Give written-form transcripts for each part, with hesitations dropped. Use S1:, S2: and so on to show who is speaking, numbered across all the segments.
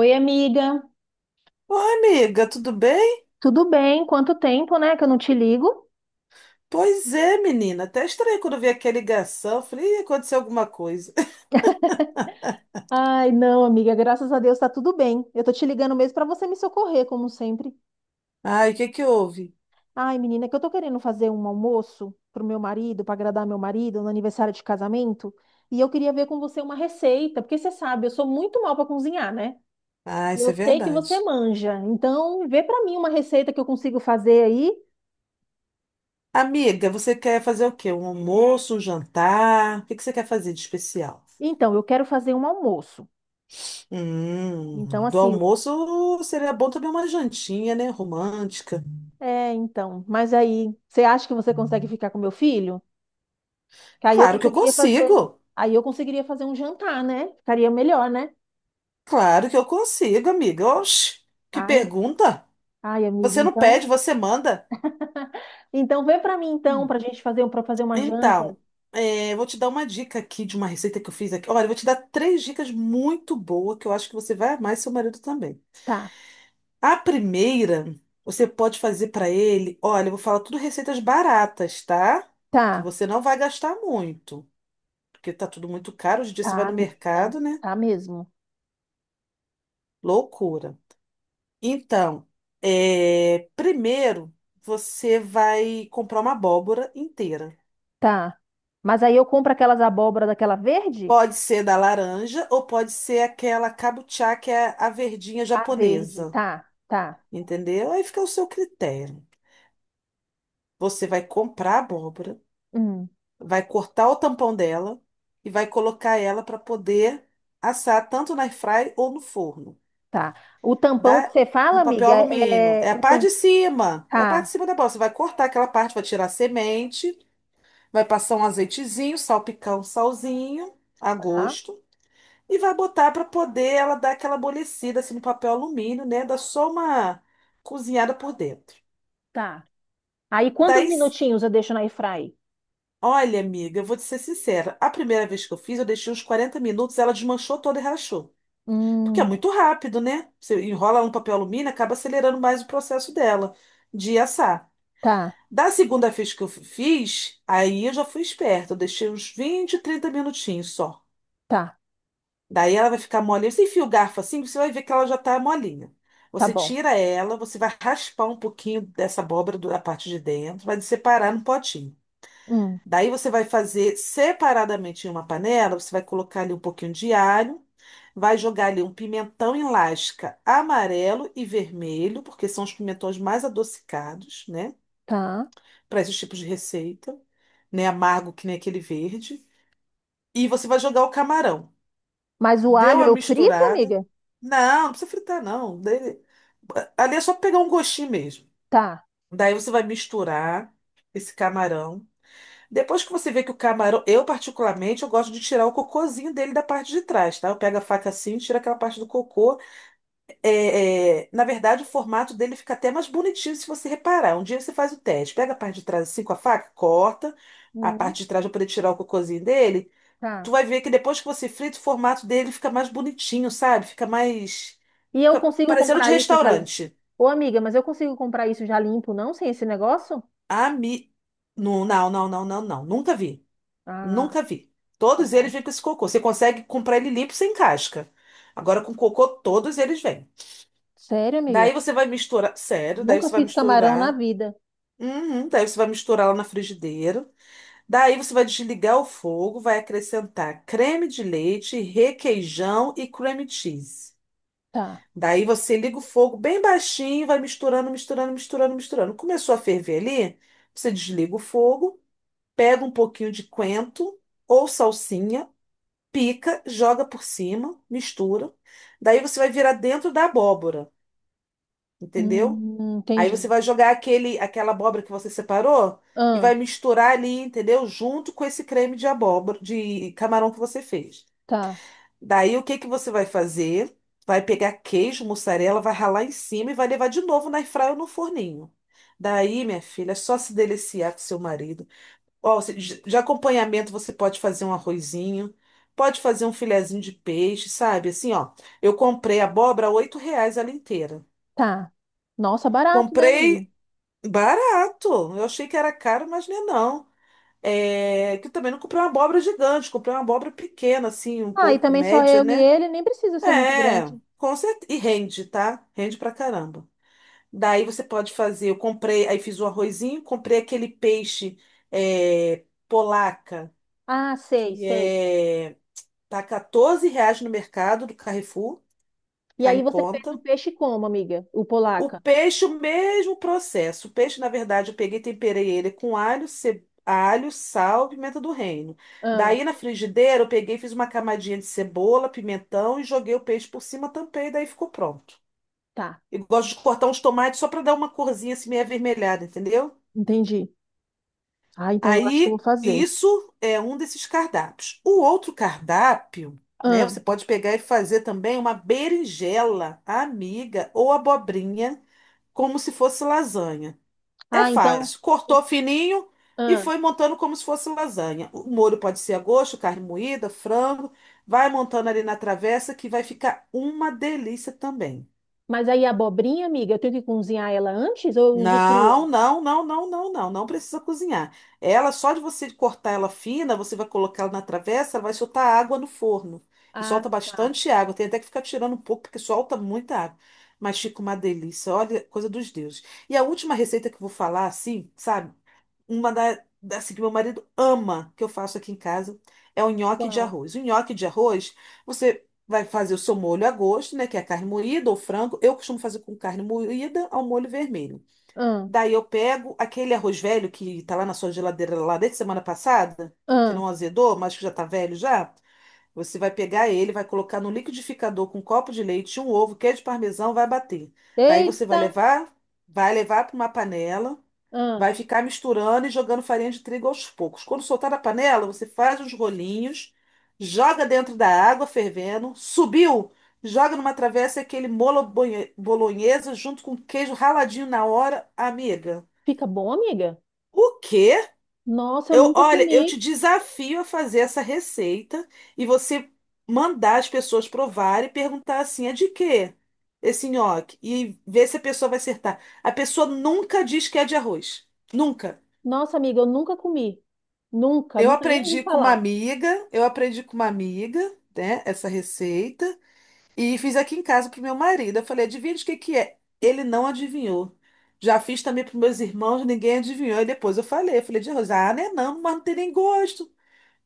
S1: Oi, amiga.
S2: Oi, amiga, tudo bem?
S1: Tudo bem? Quanto tempo, né, que eu não te ligo?
S2: Pois é, menina. Até estranhei quando eu vi aquela ligação. Eu falei, "Ih, aconteceu alguma coisa.
S1: Ai, não, amiga, graças a Deus tá tudo bem. Eu tô te ligando mesmo pra você me socorrer, como sempre.
S2: Ai, o que que houve?
S1: Ai, menina, é que eu tô querendo fazer um almoço pro meu marido, pra agradar meu marido no aniversário de casamento, e eu queria ver com você uma receita, porque você sabe, eu sou muito mal pra cozinhar, né?
S2: Ah,
S1: E
S2: isso é
S1: eu sei que você
S2: verdade.
S1: manja. Então, vê pra mim uma receita que eu consigo fazer aí.
S2: Amiga, você quer fazer o quê? Um almoço, um jantar? O que que você quer fazer de especial?
S1: Então, eu quero fazer um almoço.
S2: Hum,
S1: Então,
S2: do
S1: assim,
S2: almoço seria bom também uma jantinha, né? Romântica.
S1: é, então. Mas aí, você acha que você consegue ficar com meu filho? Que aí eu
S2: Claro que eu
S1: conseguiria fazer.
S2: consigo.
S1: Aí eu conseguiria fazer um jantar, né? Ficaria melhor, né?
S2: Claro que eu consigo, amiga. Oxi, que
S1: Ai,
S2: pergunta.
S1: ai, amiga,
S2: Você não
S1: então.
S2: pede, você manda.
S1: Então vê pra mim então pra gente fazer para fazer uma janta.
S2: Então, é, vou te dar uma dica aqui de uma receita que eu fiz aqui. Olha, eu vou te dar três dicas muito boas que eu acho que você vai amar e seu marido também.
S1: Tá,
S2: A primeira, você pode fazer para ele. Olha, eu vou falar tudo receitas baratas, tá? Que
S1: tá,
S2: você não vai gastar muito, porque tá tudo muito caro. Hoje em dia você vai
S1: tá,
S2: no
S1: menina.
S2: mercado, né?
S1: Tá mesmo.
S2: Loucura. Então, é, primeiro, você vai comprar uma abóbora inteira.
S1: Tá. Mas aí eu compro aquelas abóbora daquela verde?
S2: Pode ser da laranja ou pode ser aquela kabuchá, que é a verdinha
S1: A verde,
S2: japonesa,
S1: tá, tá.
S2: entendeu? Aí fica o seu critério. Você vai comprar a abóbora,
S1: Hum,
S2: vai cortar o tampão dela e vai colocar ela para poder assar tanto na airfry ou no forno.
S1: tá. O tampão que
S2: Dá
S1: você fala,
S2: no papel
S1: amiga,
S2: alumínio.
S1: é
S2: É a
S1: o
S2: parte de
S1: tam...
S2: cima, é a parte
S1: Tá,
S2: de cima da abóbora. Você vai cortar aquela parte, vai tirar a semente, vai passar um azeitezinho, salpicar um salzinho a
S1: tá,
S2: gosto. E vai botar para poder ela dar aquela amolecida assim no papel alumínio, né? Dá só uma cozinhada por dentro.
S1: tá. Aí quantos
S2: Daí, s-
S1: minutinhos eu deixo na airfry?
S2: Olha, amiga, eu vou te ser sincera. A primeira vez que eu fiz, eu deixei uns 40 minutos, ela desmanchou toda e rachou. Porque é
S1: Hum,
S2: muito rápido, né? Você enrola ela no papel alumínio, acaba acelerando mais o processo dela de assar.
S1: tá,
S2: Da segunda vez que eu fiz, aí eu já fui esperta. Eu deixei uns 20, 30 minutinhos só.
S1: tá,
S2: Daí ela vai ficar molinha. Você enfia o garfo assim, você vai ver que ela já tá molinha.
S1: tá
S2: Você
S1: bom.
S2: tira ela, você vai raspar um pouquinho dessa abóbora da parte de dentro, vai separar no potinho.
S1: Hum,
S2: Daí você vai fazer separadamente em uma panela, você vai colocar ali um pouquinho de alho, vai jogar ali um pimentão em lasca amarelo e vermelho, porque são os pimentões mais adocicados, né?
S1: tá.
S2: Para esses tipos de receita, né? Amargo que nem aquele verde. E você vai jogar o camarão.
S1: Mas o
S2: Deu
S1: alho
S2: a
S1: eu frito,
S2: misturada.
S1: amiga?
S2: Não, não precisa fritar, não. Ali é só pegar um gostinho mesmo.
S1: Tá.
S2: Daí você vai misturar esse camarão. Depois que você vê que o camarão, eu particularmente, eu gosto de tirar o cocôzinho dele da parte de trás, tá? Eu pego a faca assim, tiro aquela parte do cocô. É, na verdade, o formato dele fica até mais bonitinho se você reparar. Um dia você faz o teste. Pega a parte de trás assim com a faca, corta a
S1: Hum,
S2: parte de trás para poder tirar o cocôzinho dele, tu
S1: tá.
S2: vai ver que depois que você frita, o formato dele fica mais bonitinho, sabe? Fica mais.
S1: E eu
S2: Fica
S1: consigo
S2: parecendo de
S1: comprar isso já limpo?
S2: restaurante.
S1: Ô, amiga, mas eu consigo comprar isso já limpo, não? Sem esse negócio?
S2: Ami... Não, não, não, não, não, não. Nunca vi.
S1: Ah,
S2: Nunca vi.
S1: tá
S2: Todos eles
S1: bom.
S2: vêm com esse cocô. Você consegue comprar ele limpo sem casca. Agora com cocô, todos eles vêm.
S1: Sério, amiga?
S2: Daí você vai misturar. Sério, daí
S1: Nunca
S2: você vai
S1: fiz camarão na
S2: misturar.
S1: vida.
S2: Uhum, daí você vai misturar lá na frigideira. Daí você vai desligar o fogo, vai acrescentar creme de leite, requeijão e cream cheese.
S1: Tá.
S2: Daí você liga o fogo bem baixinho, vai misturando, misturando, misturando, misturando. Começou a ferver ali, você desliga o fogo, pega um pouquinho de coentro ou salsinha, pica, joga por cima, mistura. Daí você vai virar dentro da abóbora, entendeu? Aí você
S1: Entendi.
S2: vai jogar aquela abóbora que você separou e
S1: Ah,
S2: vai misturar ali, entendeu? Junto com esse creme de abóbora, de camarão que você fez.
S1: tá,
S2: Daí o que que você vai fazer? Vai pegar queijo, mussarela, vai ralar em cima e vai levar de novo na airfryer ou no forninho. Daí, minha filha, é só se deliciar com seu marido. Ó, de acompanhamento você pode fazer um arrozinho, pode fazer um filezinho de peixe, sabe? Assim, ó, eu comprei abóbora a R$ 8 ela inteira.
S1: tá. Nossa, barato, né, amiga?
S2: Comprei barato. Eu achei que era caro, mas não é não. É, que eu também não comprei uma abóbora gigante, comprei uma abóbora pequena, assim, um
S1: Ah, e
S2: pouco
S1: também só
S2: média,
S1: eu e
S2: né?
S1: ele, nem precisa ser muito
S2: É,
S1: grande.
S2: com certeza. E rende, tá? Rende pra caramba. Daí você pode fazer. Eu comprei, aí fiz o arrozinho, comprei aquele peixe é, polaca,
S1: Ah, sei,
S2: que
S1: sei.
S2: é. Tá R$ 14 no mercado do Carrefour,
S1: E
S2: tá em
S1: aí você fez o
S2: conta.
S1: peixe como, amiga? O
S2: O
S1: polaca?
S2: peixe, o mesmo processo. O peixe, na verdade, eu peguei e temperei ele com alho, alho, sal, pimenta do reino.
S1: Ah,
S2: Daí na frigideira, eu peguei, e fiz uma camadinha de cebola, pimentão e joguei o peixe por cima, tampei, daí ficou pronto.
S1: tá,
S2: Eu gosto de cortar uns tomates só para dar uma corzinha assim meio avermelhada, entendeu?
S1: entendi. Ah, então eu acho que eu vou
S2: Aí,
S1: fazer.
S2: isso é um desses cardápios. O outro cardápio, né?
S1: Ah,
S2: Você pode pegar e fazer também uma berinjela, amiga ou abobrinha, como se fosse lasanha. É
S1: ah, então.
S2: fácil.
S1: e-
S2: Cortou fininho e
S1: Ah,
S2: foi montando como se fosse lasanha. O molho pode ser a gosto, carne moída, frango. Vai montando ali na travessa que vai ficar uma delícia também.
S1: mas aí a abobrinha, amiga, eu tenho que cozinhar ela antes ou eu uso crua?
S2: Não, não, não, não, não, não, não precisa cozinhar. Ela, só de você cortar ela fina, você vai colocar ela na travessa, ela vai soltar água no forno. E
S1: Ah,
S2: solta
S1: tá.
S2: bastante água. Tem até que ficar tirando um pouco, porque solta muita água. Mas fica uma delícia, olha, coisa dos deuses. E a última receita que eu vou falar, assim, sabe? Uma assim, que meu marido ama, que eu faço aqui em casa, é o nhoque de
S1: Qual?
S2: arroz. O nhoque de arroz, você vai fazer o seu molho a gosto, né? Que é a carne moída ou frango. Eu costumo fazer com carne moída ao molho vermelho.
S1: Ah,
S2: Daí eu pego aquele arroz velho que tá lá na sua geladeira lá desde semana passada, que
S1: ah.
S2: não azedou, mas que já tá velho já. Você vai pegar ele, vai colocar no liquidificador com um copo de leite, um ovo, queijo parmesão, vai bater. Daí você
S1: Eita!
S2: vai levar para uma panela,
S1: Ah,
S2: vai ficar misturando e jogando farinha de trigo aos poucos. Quando soltar da panela, você faz os rolinhos, joga dentro da água fervendo, subiu, joga numa travessa e aquele molho bolonhesa junto com queijo raladinho na hora, amiga.
S1: fica bom, amiga?
S2: O quê?
S1: Nossa, eu
S2: Eu,
S1: nunca
S2: olha, eu
S1: comi.
S2: te desafio a fazer essa receita e você mandar as pessoas provarem e perguntar assim, é de quê? Esse nhoque. E ver se a pessoa vai acertar. A pessoa nunca diz que é de arroz. Nunca.
S1: Nossa, amiga, eu nunca comi. Nunca, nunca nem ouvi falar.
S2: Eu aprendi com uma amiga, né, essa receita e fiz aqui em casa pro meu marido. Eu falei, adivinha de que é? Ele não adivinhou. Já fiz também para meus irmãos, ninguém adivinhou. E depois eu falei de arroz. Ah, né, não, mas não tem nem gosto.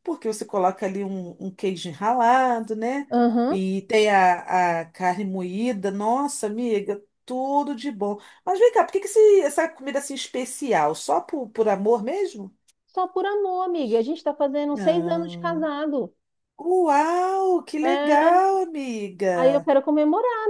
S2: Porque você coloca ali um queijo ralado, né?
S1: Aham.
S2: E tem a carne moída. Nossa, amiga, tudo de bom. Mas vem cá, por que que essa comida assim especial? Só por amor mesmo?
S1: Só por amor, amiga. A gente tá fazendo 6 anos de
S2: Ah,
S1: casado.
S2: uau, que
S1: É,
S2: legal, amiga.
S1: aí eu quero comemorar.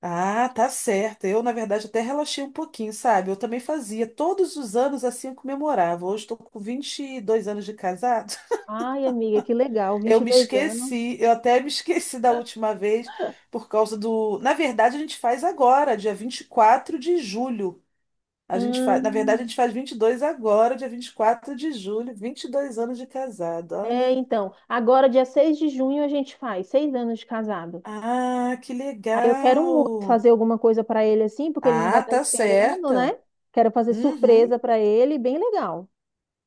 S2: Ah, tá certo. Eu, na verdade, até relaxei um pouquinho, sabe? Eu também fazia. Todos os anos assim eu comemorava. Hoje estou com 22 anos de casado.
S1: Ai, amiga, que legal, Vinte
S2: Eu
S1: e
S2: me
S1: dois anos.
S2: esqueci, eu até me esqueci da última vez, por causa do. Na verdade, a gente faz agora, dia 24 de julho. Na verdade,
S1: Hum,
S2: a gente faz 22 agora, dia 24 de julho, 22 anos de casado,
S1: é,
S2: olha.
S1: então, agora dia 6 de junho a gente faz 6 anos de casado.
S2: Ah, que
S1: Aí eu quero muito
S2: legal!
S1: fazer alguma coisa para ele assim, porque ele não vai
S2: Ah,
S1: estar
S2: tá
S1: esperando,
S2: certa.
S1: né? Quero fazer
S2: Uhum.
S1: surpresa para ele, bem legal.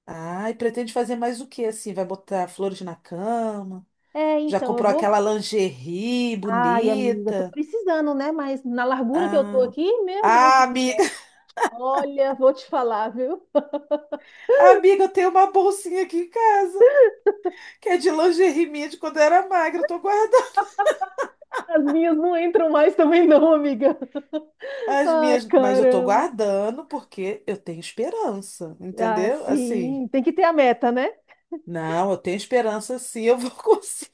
S2: Ah, e pretende fazer mais o que assim? Vai botar flores na cama?
S1: É,
S2: Já
S1: então, eu
S2: comprou
S1: vou.
S2: aquela lingerie
S1: Ai, amiga, tô
S2: bonita?
S1: precisando, né? Mas na largura que eu tô
S2: Ah,
S1: aqui, meu Deus,
S2: ah, amiga!
S1: olha, vou te falar, viu?
S2: Amiga, eu tenho uma bolsinha aqui em casa, que é de lingerie minha de quando eu era magra. Eu tô guardando
S1: As minhas não entram mais também, não, amiga.
S2: as
S1: Ai,
S2: minhas, mas eu tô
S1: caramba.
S2: guardando porque eu tenho esperança,
S1: Ah,
S2: entendeu? Assim,
S1: sim, tem que ter a meta, né?
S2: não, eu tenho esperança sim, eu vou conseguir.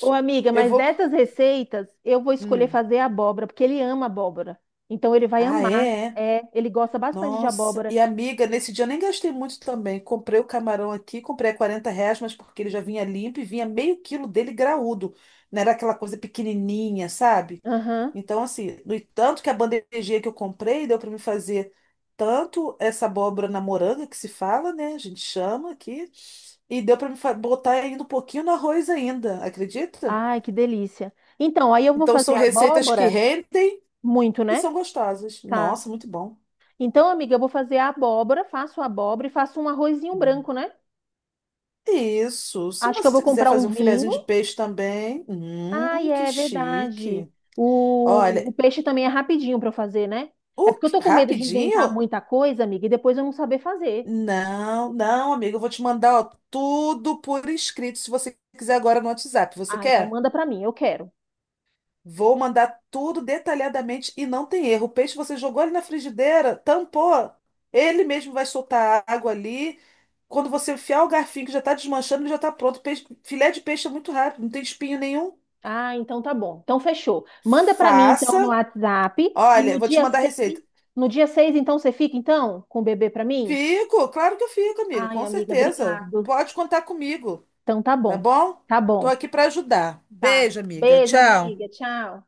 S1: Ô, amiga,
S2: Eu
S1: mas
S2: vou.
S1: dessas receitas, eu vou escolher
S2: Hum.
S1: fazer abóbora, porque ele ama abóbora. Então ele vai
S2: Ah,
S1: amar.
S2: é,
S1: É, ele gosta bastante de
S2: nossa,
S1: abóbora.
S2: e amiga, nesse dia eu nem gastei muito também. Comprei o camarão aqui, comprei a R$ 40, mas porque ele já vinha limpo e vinha meio quilo dele graúdo. Não era aquela coisa pequenininha, sabe?
S1: Aham.
S2: Então, assim, no tanto que a bandejinha que eu comprei deu para me fazer tanto essa abóbora na moranga, que se fala, né? A gente chama aqui. E deu para me botar ainda um pouquinho no arroz ainda, acredita?
S1: Ai, que delícia. Então, aí eu vou
S2: Então,
S1: fazer
S2: são receitas que
S1: abóbora,
S2: rendem
S1: muito,
S2: e
S1: né?
S2: são gostosas.
S1: Tá.
S2: Nossa, muito bom.
S1: Então, amiga, eu vou fazer a abóbora, faço a abóbora e faço um arrozinho branco, né?
S2: Isso. Se
S1: Acho que eu vou
S2: você quiser
S1: comprar um
S2: fazer um filezinho
S1: vinho.
S2: de peixe também,
S1: Ai,
S2: que
S1: é verdade.
S2: chique. Olha,
S1: O peixe também é rapidinho para eu fazer, né? É porque eu tô com medo de inventar
S2: rapidinho?
S1: muita coisa, amiga, e depois eu não saber fazer.
S2: Não, não, amigo, eu vou te mandar, ó, tudo por escrito, se você quiser agora no WhatsApp. Você
S1: Ah, então
S2: quer?
S1: manda para mim, eu quero.
S2: Vou mandar tudo detalhadamente e não tem erro. O peixe você jogou ali na frigideira, tampou. Ele mesmo vai soltar a água ali. Quando você enfiar o garfinho que já está desmanchando, ele já está pronto. Filé de peixe é muito rápido, não tem espinho nenhum.
S1: Ah, então tá bom. Então fechou. Manda pra mim
S2: Faça.
S1: então no WhatsApp e
S2: Olha, eu
S1: no
S2: vou te
S1: dia
S2: mandar a
S1: 6,
S2: receita.
S1: no dia 6 então você fica então com o bebê pra mim?
S2: Fico, claro que eu fico, amiga,
S1: Ai,
S2: com
S1: amiga,
S2: certeza.
S1: obrigado.
S2: Pode contar comigo,
S1: Então tá
S2: tá
S1: bom.
S2: bom?
S1: Tá
S2: Tô
S1: bom.
S2: aqui para ajudar.
S1: Tá.
S2: Beijo, amiga.
S1: Beijo,
S2: Tchau.
S1: amiga. Tchau.